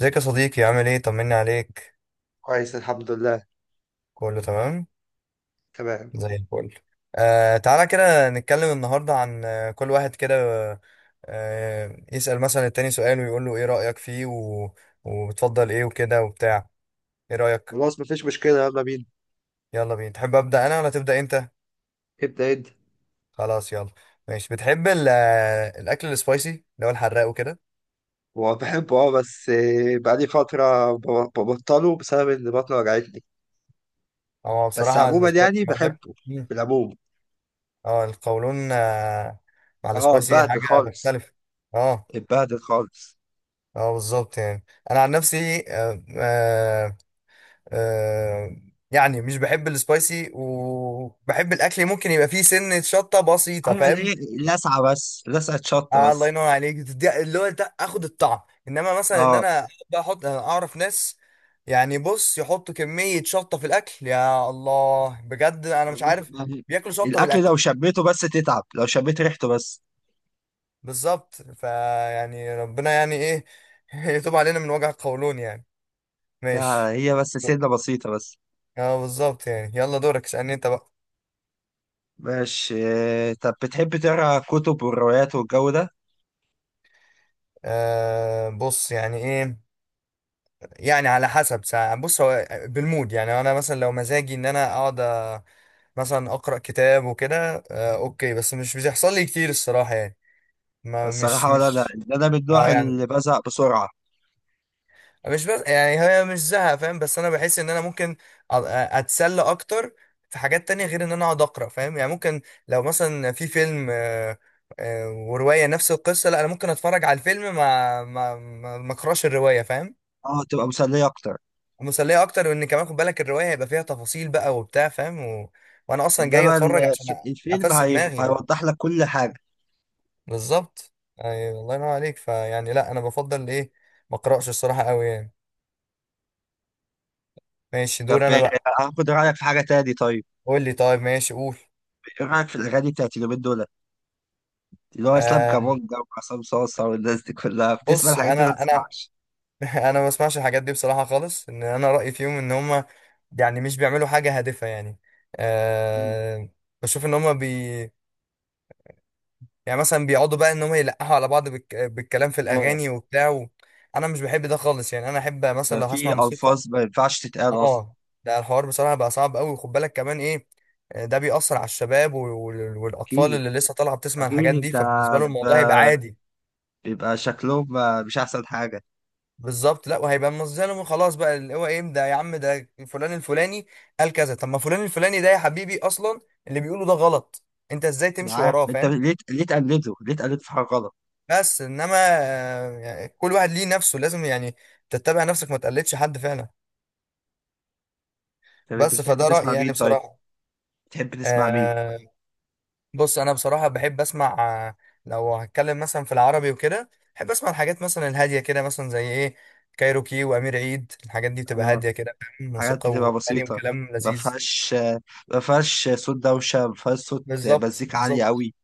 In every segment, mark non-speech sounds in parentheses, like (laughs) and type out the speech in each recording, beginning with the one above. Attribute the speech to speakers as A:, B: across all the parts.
A: ازيك يا صديقي؟ عامل ايه؟ طمني عليك.
B: كويس الحمد لله.
A: كله تمام،
B: تمام.
A: زي الفل. تعالى كده نتكلم النهارده عن، كل واحد كده يسأل مثلا التاني سؤال ويقول له ايه رأيك فيه و... وبتفضل ايه وكده وبتاع. ايه رأيك؟
B: خلاص مفيش مشكلة، يلا بينا.
A: يلا بينا. تحب أبدأ انا ولا تبدأ انت؟
B: ابدأ انت.
A: خلاص، يلا. ماشي، بتحب الاكل السبايسي اللي هو الحراق وكده؟
B: هو بحبه، بس، بقالي فترة ببطله بسبب ان بطني وجعتني.
A: هو
B: بس
A: بصراحة
B: عموما
A: السبايسي
B: يعني
A: مع
B: بحبه
A: مم.
B: في العموم.
A: اه، القولون مع
B: اه،
A: السبايسي
B: اتبهدل
A: حاجة
B: خالص.
A: مختلفة. اه
B: اتبهدل خالص.
A: اه، بالظبط يعني. انا عن نفسي آه يعني مش بحب السبايسي، وبحب الاكل ممكن يبقى فيه سنة شطة بسيطة،
B: عارف اللي
A: فاهم؟
B: هي لسعة، بس لسعة شطة
A: الله
B: بس.
A: ينور عليك، اللي هو ده اخد الطعم. انما مثلا ان
B: اه،
A: انا احب احط، انا اعرف ناس يعني، بص، يحطوا كمية شطة في الاكل، يا الله، بجد انا مش عارف.
B: يعني
A: بياكلوا شطة
B: الأكل
A: بالاكل.
B: لو شميته بس تتعب، لو شميت ريحته بس.
A: بالظبط، فيعني ربنا يعني ايه، (laughs) يتوب علينا من وجع القولون يعني. ماشي،
B: هي بس سنة بسيطة بس.
A: اه بالظبط يعني. يلا دورك، اسألني انت بقى.
B: ماشي. طب بتحب تقرا كتب والروايات والجو ده؟
A: بص يعني ايه، يعني على حسب ساعة. بص، هو بالمود يعني. انا مثلا لو مزاجي ان انا اقعد، مثلا اقرا كتاب وكده اوكي، بس مش بيحصل لي كتير الصراحة يعني. ما مش
B: الصراحة، ولا، لا،
A: مش
B: إن أنا من
A: اه
B: النوع
A: يعني،
B: اللي بزهق بسرعة.
A: مش بس يعني، هي مش زهق، فاهم؟ بس انا بحس ان انا ممكن اتسلى اكتر في حاجات تانية غير ان انا اقعد اقرا، فاهم يعني؟ ممكن لو مثلا في فيلم، ورواية نفس القصة، لا انا ممكن اتفرج على الفيلم ما اقراش الرواية، فاهم؟
B: أه، تبقى مسلية أكتر.
A: ومسلية اكتر، وان كمان خد بالك الرواية هيبقى فيها تفاصيل بقى وبتاع، فاهم؟ و... وانا اصلا جاي
B: إنما
A: اتفرج عشان
B: الفيلم
A: افسد دماغي.
B: هيوضح لك كل حاجة.
A: بالظبط، ايوه، الله ينور عليك. فيعني لا انا بفضل ايه، ما اقراش الصراحة قوي يعني. ماشي، دور
B: طب،
A: انا بقى.
B: هاخد رأيك في حاجة تاني طيب.
A: قول لي، طيب، ماشي قول.
B: إيه رأيك في الأغاني بتاعت اليومين دول، اللي هو إسلام
A: آه
B: كابونجا وعصام صاصة، والناس دي كلها بتسمع
A: بص
B: الحاجات دي ولا ما
A: انا،
B: تسمعش؟
A: (laughs) انا ما بسمعش الحاجات دي بصراحه خالص. ان انا رايي فيهم ان هم يعني مش بيعملوا حاجه هادفه يعني. آه بشوف ان هم بي، يعني مثلا بيقعدوا بقى ان هم يلقحوا على بعض بالك... بالكلام في
B: آه،
A: الاغاني وبتاع و... انا مش بحب ده خالص يعني. انا احب مثلا
B: ده
A: لو
B: في
A: هسمع موسيقى.
B: ألفاظ ما ينفعش تتقال أصلا.
A: اه، ده الحوار بصراحه بقى صعب قوي. وخد بالك كمان ايه، ده بيأثر على الشباب والاطفال
B: أكيد.
A: اللي لسه طالعه بتسمع
B: أكيد
A: الحاجات دي،
B: أنت
A: فبالنسبه لهم الموضوع هيبقى
B: ب-
A: عادي.
B: بيبقى شكلهم مش أحسن حاجة.
A: بالظبط، لا وهيبقى مظلم خلاص بقى. اللي هو ايه ده يا عم؟ ده فلان الفلاني قال كذا، طب ما فلان الفلاني ده يا حبيبي اصلا اللي بيقوله ده غلط، انت ازاي
B: أنا
A: تمشي
B: عارف
A: وراه؟
B: أنت،
A: فاهم؟
B: ليه تقلده، ليه تقلده في حاجة غلط.
A: بس انما، يعني كل واحد ليه نفسه، لازم يعني تتبع نفسك، ما تقلدش حد فعلا.
B: طب أنت
A: بس
B: بتحب
A: فده رأيي
B: تسمع
A: يعني
B: مين طيب؟
A: بصراحة.
B: تحب تسمع مين؟
A: آه بص انا بصراحة بحب اسمع، آه، لو هتكلم مثلا في العربي وكده، بحب اسمع الحاجات مثلا الهادية كده، مثلا زي ايه، كايروكي وامير عيد. الحاجات دي بتبقى
B: اه،
A: هادية كده، فاهم؟
B: حاجات
A: موسيقى
B: بتبقى
A: واغاني
B: بسيطة،
A: وكلام
B: ما
A: لذيذ.
B: فيهاش ما فيهاش صوت دوشة، ما فيهاش صوت
A: بالظبط
B: مزيكا عالية
A: بالظبط
B: قوي.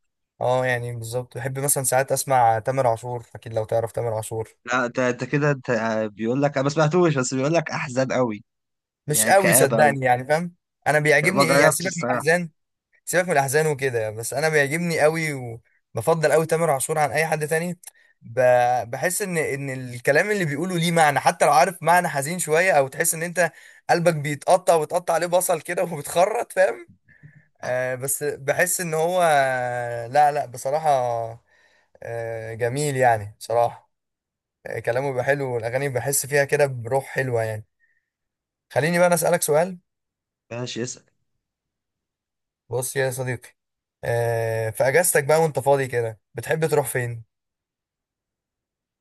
A: اه يعني بالظبط. بحب مثلا ساعات اسمع تامر عاشور، اكيد لو تعرف تامر عاشور.
B: لا، ده انت كده، انت بيقول لك انا ما سمعتوش، بس بيقول لك احزان قوي.
A: مش
B: يعني
A: قوي
B: كآبة قوي.
A: صدقني يعني، فاهم؟ انا
B: ما
A: بيعجبني ايه يعني،
B: جربتش
A: سيبك من
B: الصراحة.
A: الاحزان، سيبك من الاحزان وكده، بس انا بيعجبني قوي. وبفضل قوي تامر عاشور عن اي حد تاني. ب... بحس ان الكلام اللي بيقوله ليه معنى، حتى لو عارف معنى حزين شويه، او تحس ان انت قلبك بيتقطع، وتقطع عليه بصل كده (laughs) وبتخرط، فاهم؟ بس بحس ان هو، لا لا بصراحه، جميل يعني بصراحه. كلامه بيبقى حلو، والاغاني بحس فيها كده بروح حلوه يعني. خليني بقى انا اسالك سؤال.
B: ماشي، اسأل.
A: بص يا صديقي، في اجازتك بقى وانت فاضي كده، بتحب تروح فين؟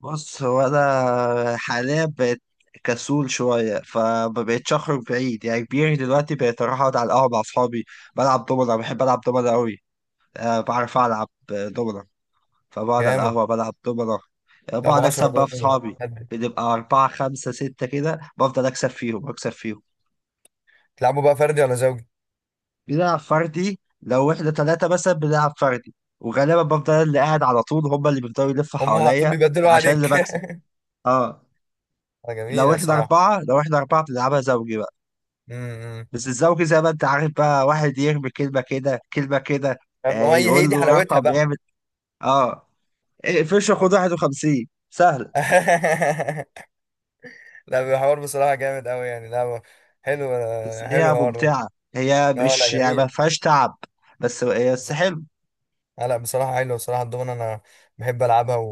B: بص، هو انا حاليا بقيت كسول شوية، فما بقتش أخرج بعيد، يعني كبير دلوقتي، بقيت أروح أقعد على القهوة مع أصحابي. بلعب دومنة، بحب ألعب دومنة قوي. أه، بعرف ألعب دومنة. فبقعد على
A: جامد.
B: القهوة بلعب دومنة. بقعد
A: تلعبوا
B: أكسب
A: 10
B: بقى في
A: جوه
B: صحابي.
A: هد.
B: بنبقى أربعة خمسة ستة كده، بفضل أكسب فيهم أكسب فيهم.
A: تلعبوا بقى فردي ولا زوجي؟
B: بنلعب فردي، لو إحنا تلاتة مثلا بنلعب فردي. وغالبا بفضل أنا اللي قاعد على طول، هما اللي بيفضلوا يلفوا
A: هم على طول
B: حواليا.
A: بيبدلوا
B: عشان
A: عليك.
B: اللي
A: (laughs)
B: بكسب. اه. لو
A: جميله
B: إحنا
A: الصراحه.
B: أربعة لو إحنا أربعة بنلعبها زوجي بقى.
A: امم
B: بس الزوجي زي ما أنت عارف، بقى واحد يرمي كلمة كده، كلمة كده.
A: هو هي
B: يقول
A: دي
B: له
A: حلاوتها
B: رقم
A: بقى.
B: يعمل. اه فيش خد 51 سهل.
A: (laughs) لا بيحور بصراحه جامد قوي يعني. لا هو حلو.
B: بس
A: حلو
B: هي
A: الحوار ده.
B: ممتعة، هي
A: لا لا
B: مش يعني ما
A: جميل.
B: فيهاش تعب، بس هي بس
A: بالظبط.
B: حلو.
A: لا بصراحه حلو. بصراحه الدومنه انا بحب العبها و...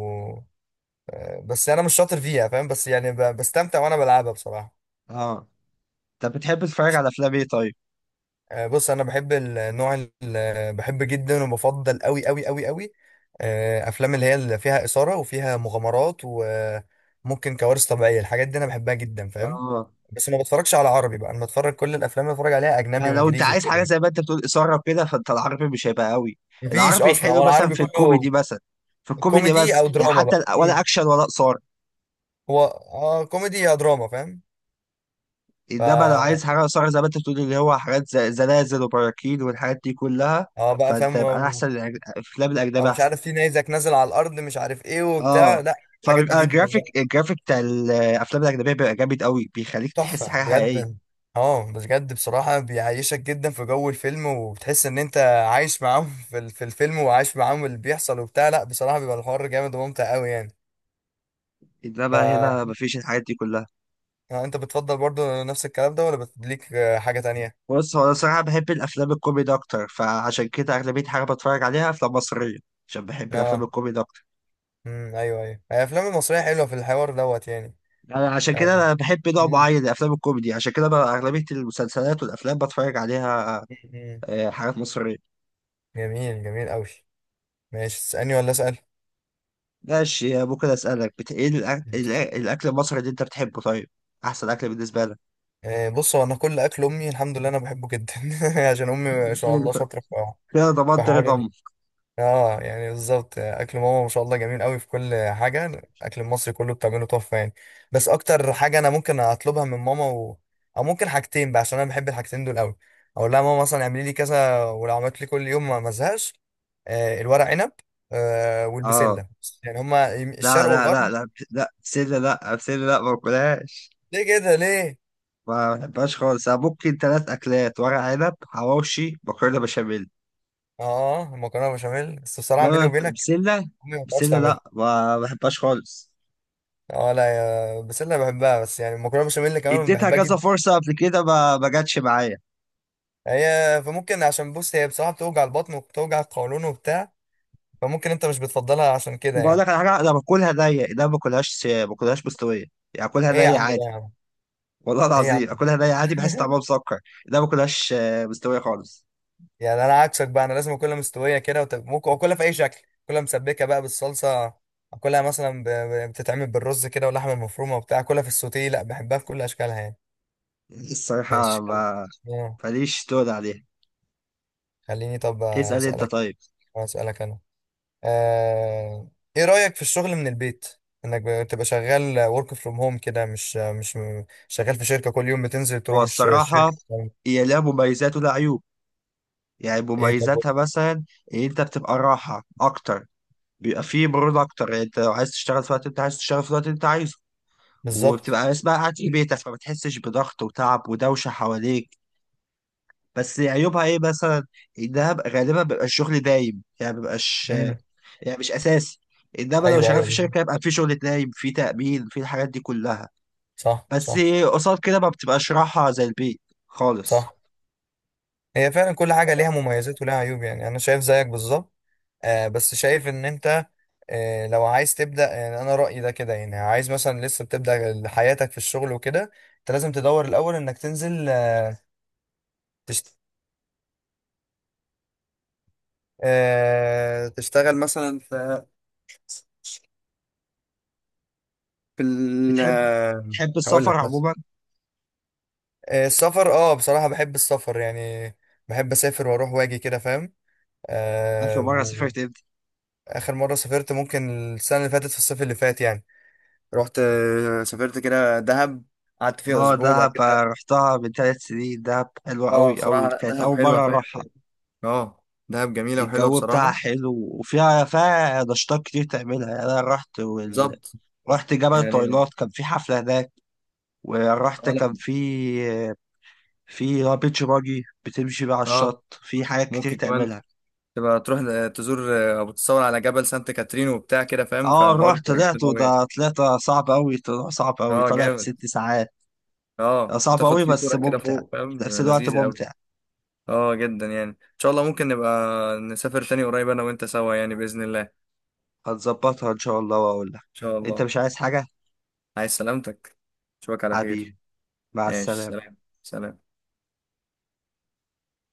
A: بس انا مش شاطر فيها فاهم، بس يعني بستمتع وانا بلعبها بصراحه.
B: اه، طب بتحب تتفرج على افلام ايه طيب؟
A: بص انا بحب النوع، بحب جدا وبفضل قوي قوي قوي قوي، افلام اللي هي اللي فيها اثاره وفيها مغامرات وممكن كوارث طبيعيه. الحاجات دي انا بحبها جدا، فاهم؟
B: اه،
A: بس ما بتفرجش على عربي بقى. انا بتفرج كل الافلام اللي بتفرج عليها اجنبي
B: ما لو انت
A: وانجليزي
B: عايز
A: وكده
B: حاجة
A: يعني.
B: زي ما انت بتقول إثارة وكده، فانت العربي مش هيبقى قوي.
A: مفيش
B: العربي
A: اصلا،
B: حلو،
A: هو
B: مثلا
A: العربي
B: في
A: كله
B: الكوميدي مثلا في الكوميدي
A: كوميدي
B: بس،
A: او
B: يعني
A: دراما
B: حتى
A: بقى.
B: ولا اكشن ولا إثارة.
A: هو اه كوميدي يا دراما، فاهم؟
B: انما لو عايز
A: ف
B: حاجة إثارة زي ما انت بتقول، اللي هو حاجات زي زلازل وبراكين والحاجات دي كلها،
A: اه بقى
B: فانت
A: فاهم،
B: يبقى احسن الافلام
A: او
B: الاجنبية
A: مش
B: احسن.
A: عارف في نيزك نازل على الارض، مش عارف ايه وبتاع،
B: اه،
A: لا الحاجات دي
B: فبيبقى
A: جدا بقى.
B: الجرافيك بتاع الافلام الاجنبيه بيبقى جامد قوي، بيخليك تحس
A: تحفه
B: حاجه حقيقيه.
A: بجد. اه بس بجد بصراحه بيعيشك جدا في جو الفيلم، وبتحس ان انت عايش معاهم (laughs) في في الفيلم، وعايش معاهم اللي بيحصل وبتاع. لا بصراحه بيبقى الحوار جامد وممتع قوي يعني. ف
B: انما هنا مفيش الحاجات دي كلها.
A: انت بتفضل برضو نفس الكلام ده، ولا ليك حاجه تانية؟
B: بص هو انا صراحه بحب الافلام الكوميدي اكتر، فعشان كده اغلبيه حاجه بتفرج عليها افلام مصريه. عشان بحب الافلام
A: اه،
B: الكوميدي اكتر.
A: ايوه، هي الافلام المصريه حلوه في الحوار دوت يعني.
B: يعني عشان
A: آه،
B: كده انا بحب نوع
A: مم،
B: معين من الافلام الكوميدي، عشان كده بقى اغلبيه المسلسلات والافلام بتفرج عليها.
A: مم، مم.
B: حاجات مصريه.
A: جميل جميل قوي. ماشي، تسالني ولا اسال؟
B: ماشي، ممكن اسالك ايه الاكل المصري اللي انت بتحبه طيب؟ احسن اكل بالنسبه لك؟
A: بص هو انا كل اكل امي الحمد لله انا بحبه جدا. (laughs) عشان امي ما
B: (laughs)
A: شاء
B: حلو.
A: الله شاطره في
B: كده
A: في
B: ضمنت
A: حوار
B: رضا.
A: اه يعني بالظبط. اكل ماما ما شاء الله جميل قوي في كل حاجه. الاكل المصري كله بتعمله تحفه يعني. بس اكتر حاجه انا ممكن اطلبها من ماما و... او ممكن حاجتين بقى، عشان انا بحب الحاجتين دول قوي. اقول لها ماما مثلا اعملي لي كذا، ولو عملت لي كل يوم ما ازهقش، الورق عنب
B: اه،
A: والبسله. يعني هما
B: لا،
A: الشرق
B: لا، لا،
A: والغرب.
B: لا، لا بسلة، لا بسلة، لا ما باكلهاش.
A: ليه كده ليه؟
B: ما بحبهاش خالص، انا ممكن ثلاث اكلات: ورق عنب، حواوشي، مكرونه بشاميل.
A: اه المكرونه بشاميل، بس بصراحه بيني
B: انما
A: وبينك
B: بسلة،
A: امي ما بتعرفش
B: بسلة
A: تعملها.
B: لا، ما بحبهاش خالص.
A: اه لا يا بس انا بحبها. بس يعني المكرونه بشاميل كمان
B: اديتها
A: بحبها
B: كذا
A: جدا.
B: فرصه قبل كده، ما جاتش معايا.
A: هي فممكن، عشان بص هي بصراحه بتوجع البطن وبتوجع القولون وبتاع، فممكن انت مش بتفضلها عشان كده
B: بقول
A: يعني.
B: لك على حاجه، انا باكلها نيه، انا ما باكلهاش مستويه. يعني اكلها
A: ايه يا
B: نيه
A: عم، ده
B: عادي.
A: يا عم!
B: والله
A: ايه يا عم!
B: العظيم، اكلها نيه عادي، بحس
A: (laughs)
B: طعمها مسكر. انا ما باكلهاش مستويه خالص.
A: يعني انا عكسك بقى، انا لازم اكلها مستويه كده، وتب... ممكن اكلها في اي شكل. اكلها مسبكه بقى بالصلصه، اكلها مثلا ب... بتتعمل بالرز كده واللحمه المفرومه وبتاع، اكلها في السوتيه، لا بحبها في كل اشكالها يعني.
B: الصراحه،
A: ماشي خل...
B: ما
A: آه.
B: ماليش تقول عليها.
A: خليني طب
B: اسال انت
A: اسالك.
B: طيب.
A: اسالك انا، آه، ايه رأيك في الشغل من البيت؟ انك بتبقى شغال work from home كده، مش شغال في شركة كل يوم بتنزل
B: هو
A: تروح
B: الصراحة،
A: الشركة بتعمل
B: هي لها مميزات ولها عيوب. يعني
A: ايه طب؟
B: مميزاتها مثلا، إن أنت بتبقى راحة أكتر. بيبقى فيه مرونة أكتر، يعني أنت لو عايز تشتغل في الوقت أنت عايز تشتغل، في الوقت أنت عايزه.
A: بالظبط.
B: وبتبقى اسمها قاعد في بيتك، فما بتحسش بضغط وتعب ودوشة حواليك. بس عيوبها إيه مثلا؟ إنها غالبا بيبقى الشغل دايم يعني مبيبقاش.
A: مم.
B: يعني مش أساسي. إنما لو
A: ايوه
B: شغال
A: ايوه
B: في
A: بالظبط.
B: شركة يبقى في شغل دايم، في تأمين، في الحاجات دي كلها.
A: صح
B: بس
A: صح
B: قصاد كده ما بتبقاش راحة زي البيت خالص.
A: صح. هي فعلا كل حاجة ليها مميزات ولها عيوب يعني. انا شايف زيك بالظبط. بس شايف ان انت لو عايز تبدأ يعني، انا رأيي ده كده يعني، عايز مثلا لسه بتبدأ حياتك في الشغل وكده، انت لازم تدور الاول انك تنزل، تشت... تشتغل مثلا في في ال
B: بتحب بتحب
A: هقول
B: السفر
A: لك مثلا.
B: عموما؟
A: السفر اه بصراحة بحب السفر يعني. بحب اسافر واروح واجي كده، فاهم؟
B: آخر
A: آه
B: مرة سافرت امتى؟
A: واخر مرة سافرت ممكن السنة اللي فاتت في الصيف اللي فات يعني. رحت سافرت كده دهب، قعدت فيها
B: اه،
A: اسبوع. بعد
B: دهب.
A: كده
B: رحتها من 3 سنين، دهب حلوة
A: اه
B: أوي أوي،
A: بصراحه لا،
B: كانت
A: دهب
B: أول
A: حلوه
B: مرة
A: فاهم.
B: أروحها.
A: اه، دهب جميله وحلوه
B: الجو بتاعها
A: بصراحه.
B: حلو، وفيها نشاطات كتير تعملها، يعني أنا رحت
A: بالظبط
B: رحت جبل
A: يعني.
B: الطويلات، كان في حفلة هناك. ورحت،
A: اه
B: كان
A: لا،
B: في بيتش باجي، بتمشي بقى على
A: اه
B: الشط، في حاجات كتير
A: ممكن كمان
B: تعملها.
A: تبقى تروح، تزور او بتصور على جبل سانت كاترين وبتاع كده، فاهم؟
B: اه،
A: فالحوار
B: رحت
A: بيبقى
B: طلعت
A: جامد قوي.
B: وده، طلعت صعب أوي، طلع صعب أوي،
A: اه
B: طالع في
A: جامد.
B: 6 ساعات.
A: اه
B: صعب
A: تاخد
B: أوي
A: فيه
B: بس
A: صورة كده
B: ممتع،
A: فوق،
B: في
A: فاهم؟
B: نفس الوقت
A: لذيذة أوي.
B: ممتع.
A: اه جدا يعني. ان شاء الله ممكن نبقى نسافر تاني قريب انا وانت سوا، يعني بإذن الله ان
B: هتظبطها ان شاء الله واقول لك.
A: شاء
B: انت
A: الله.
B: مش عايز حاجة؟
A: عايز سلامتك. اشوفك على خير.
B: حبيبي، مع
A: ماشي،
B: السلامة.
A: سلام. سلام.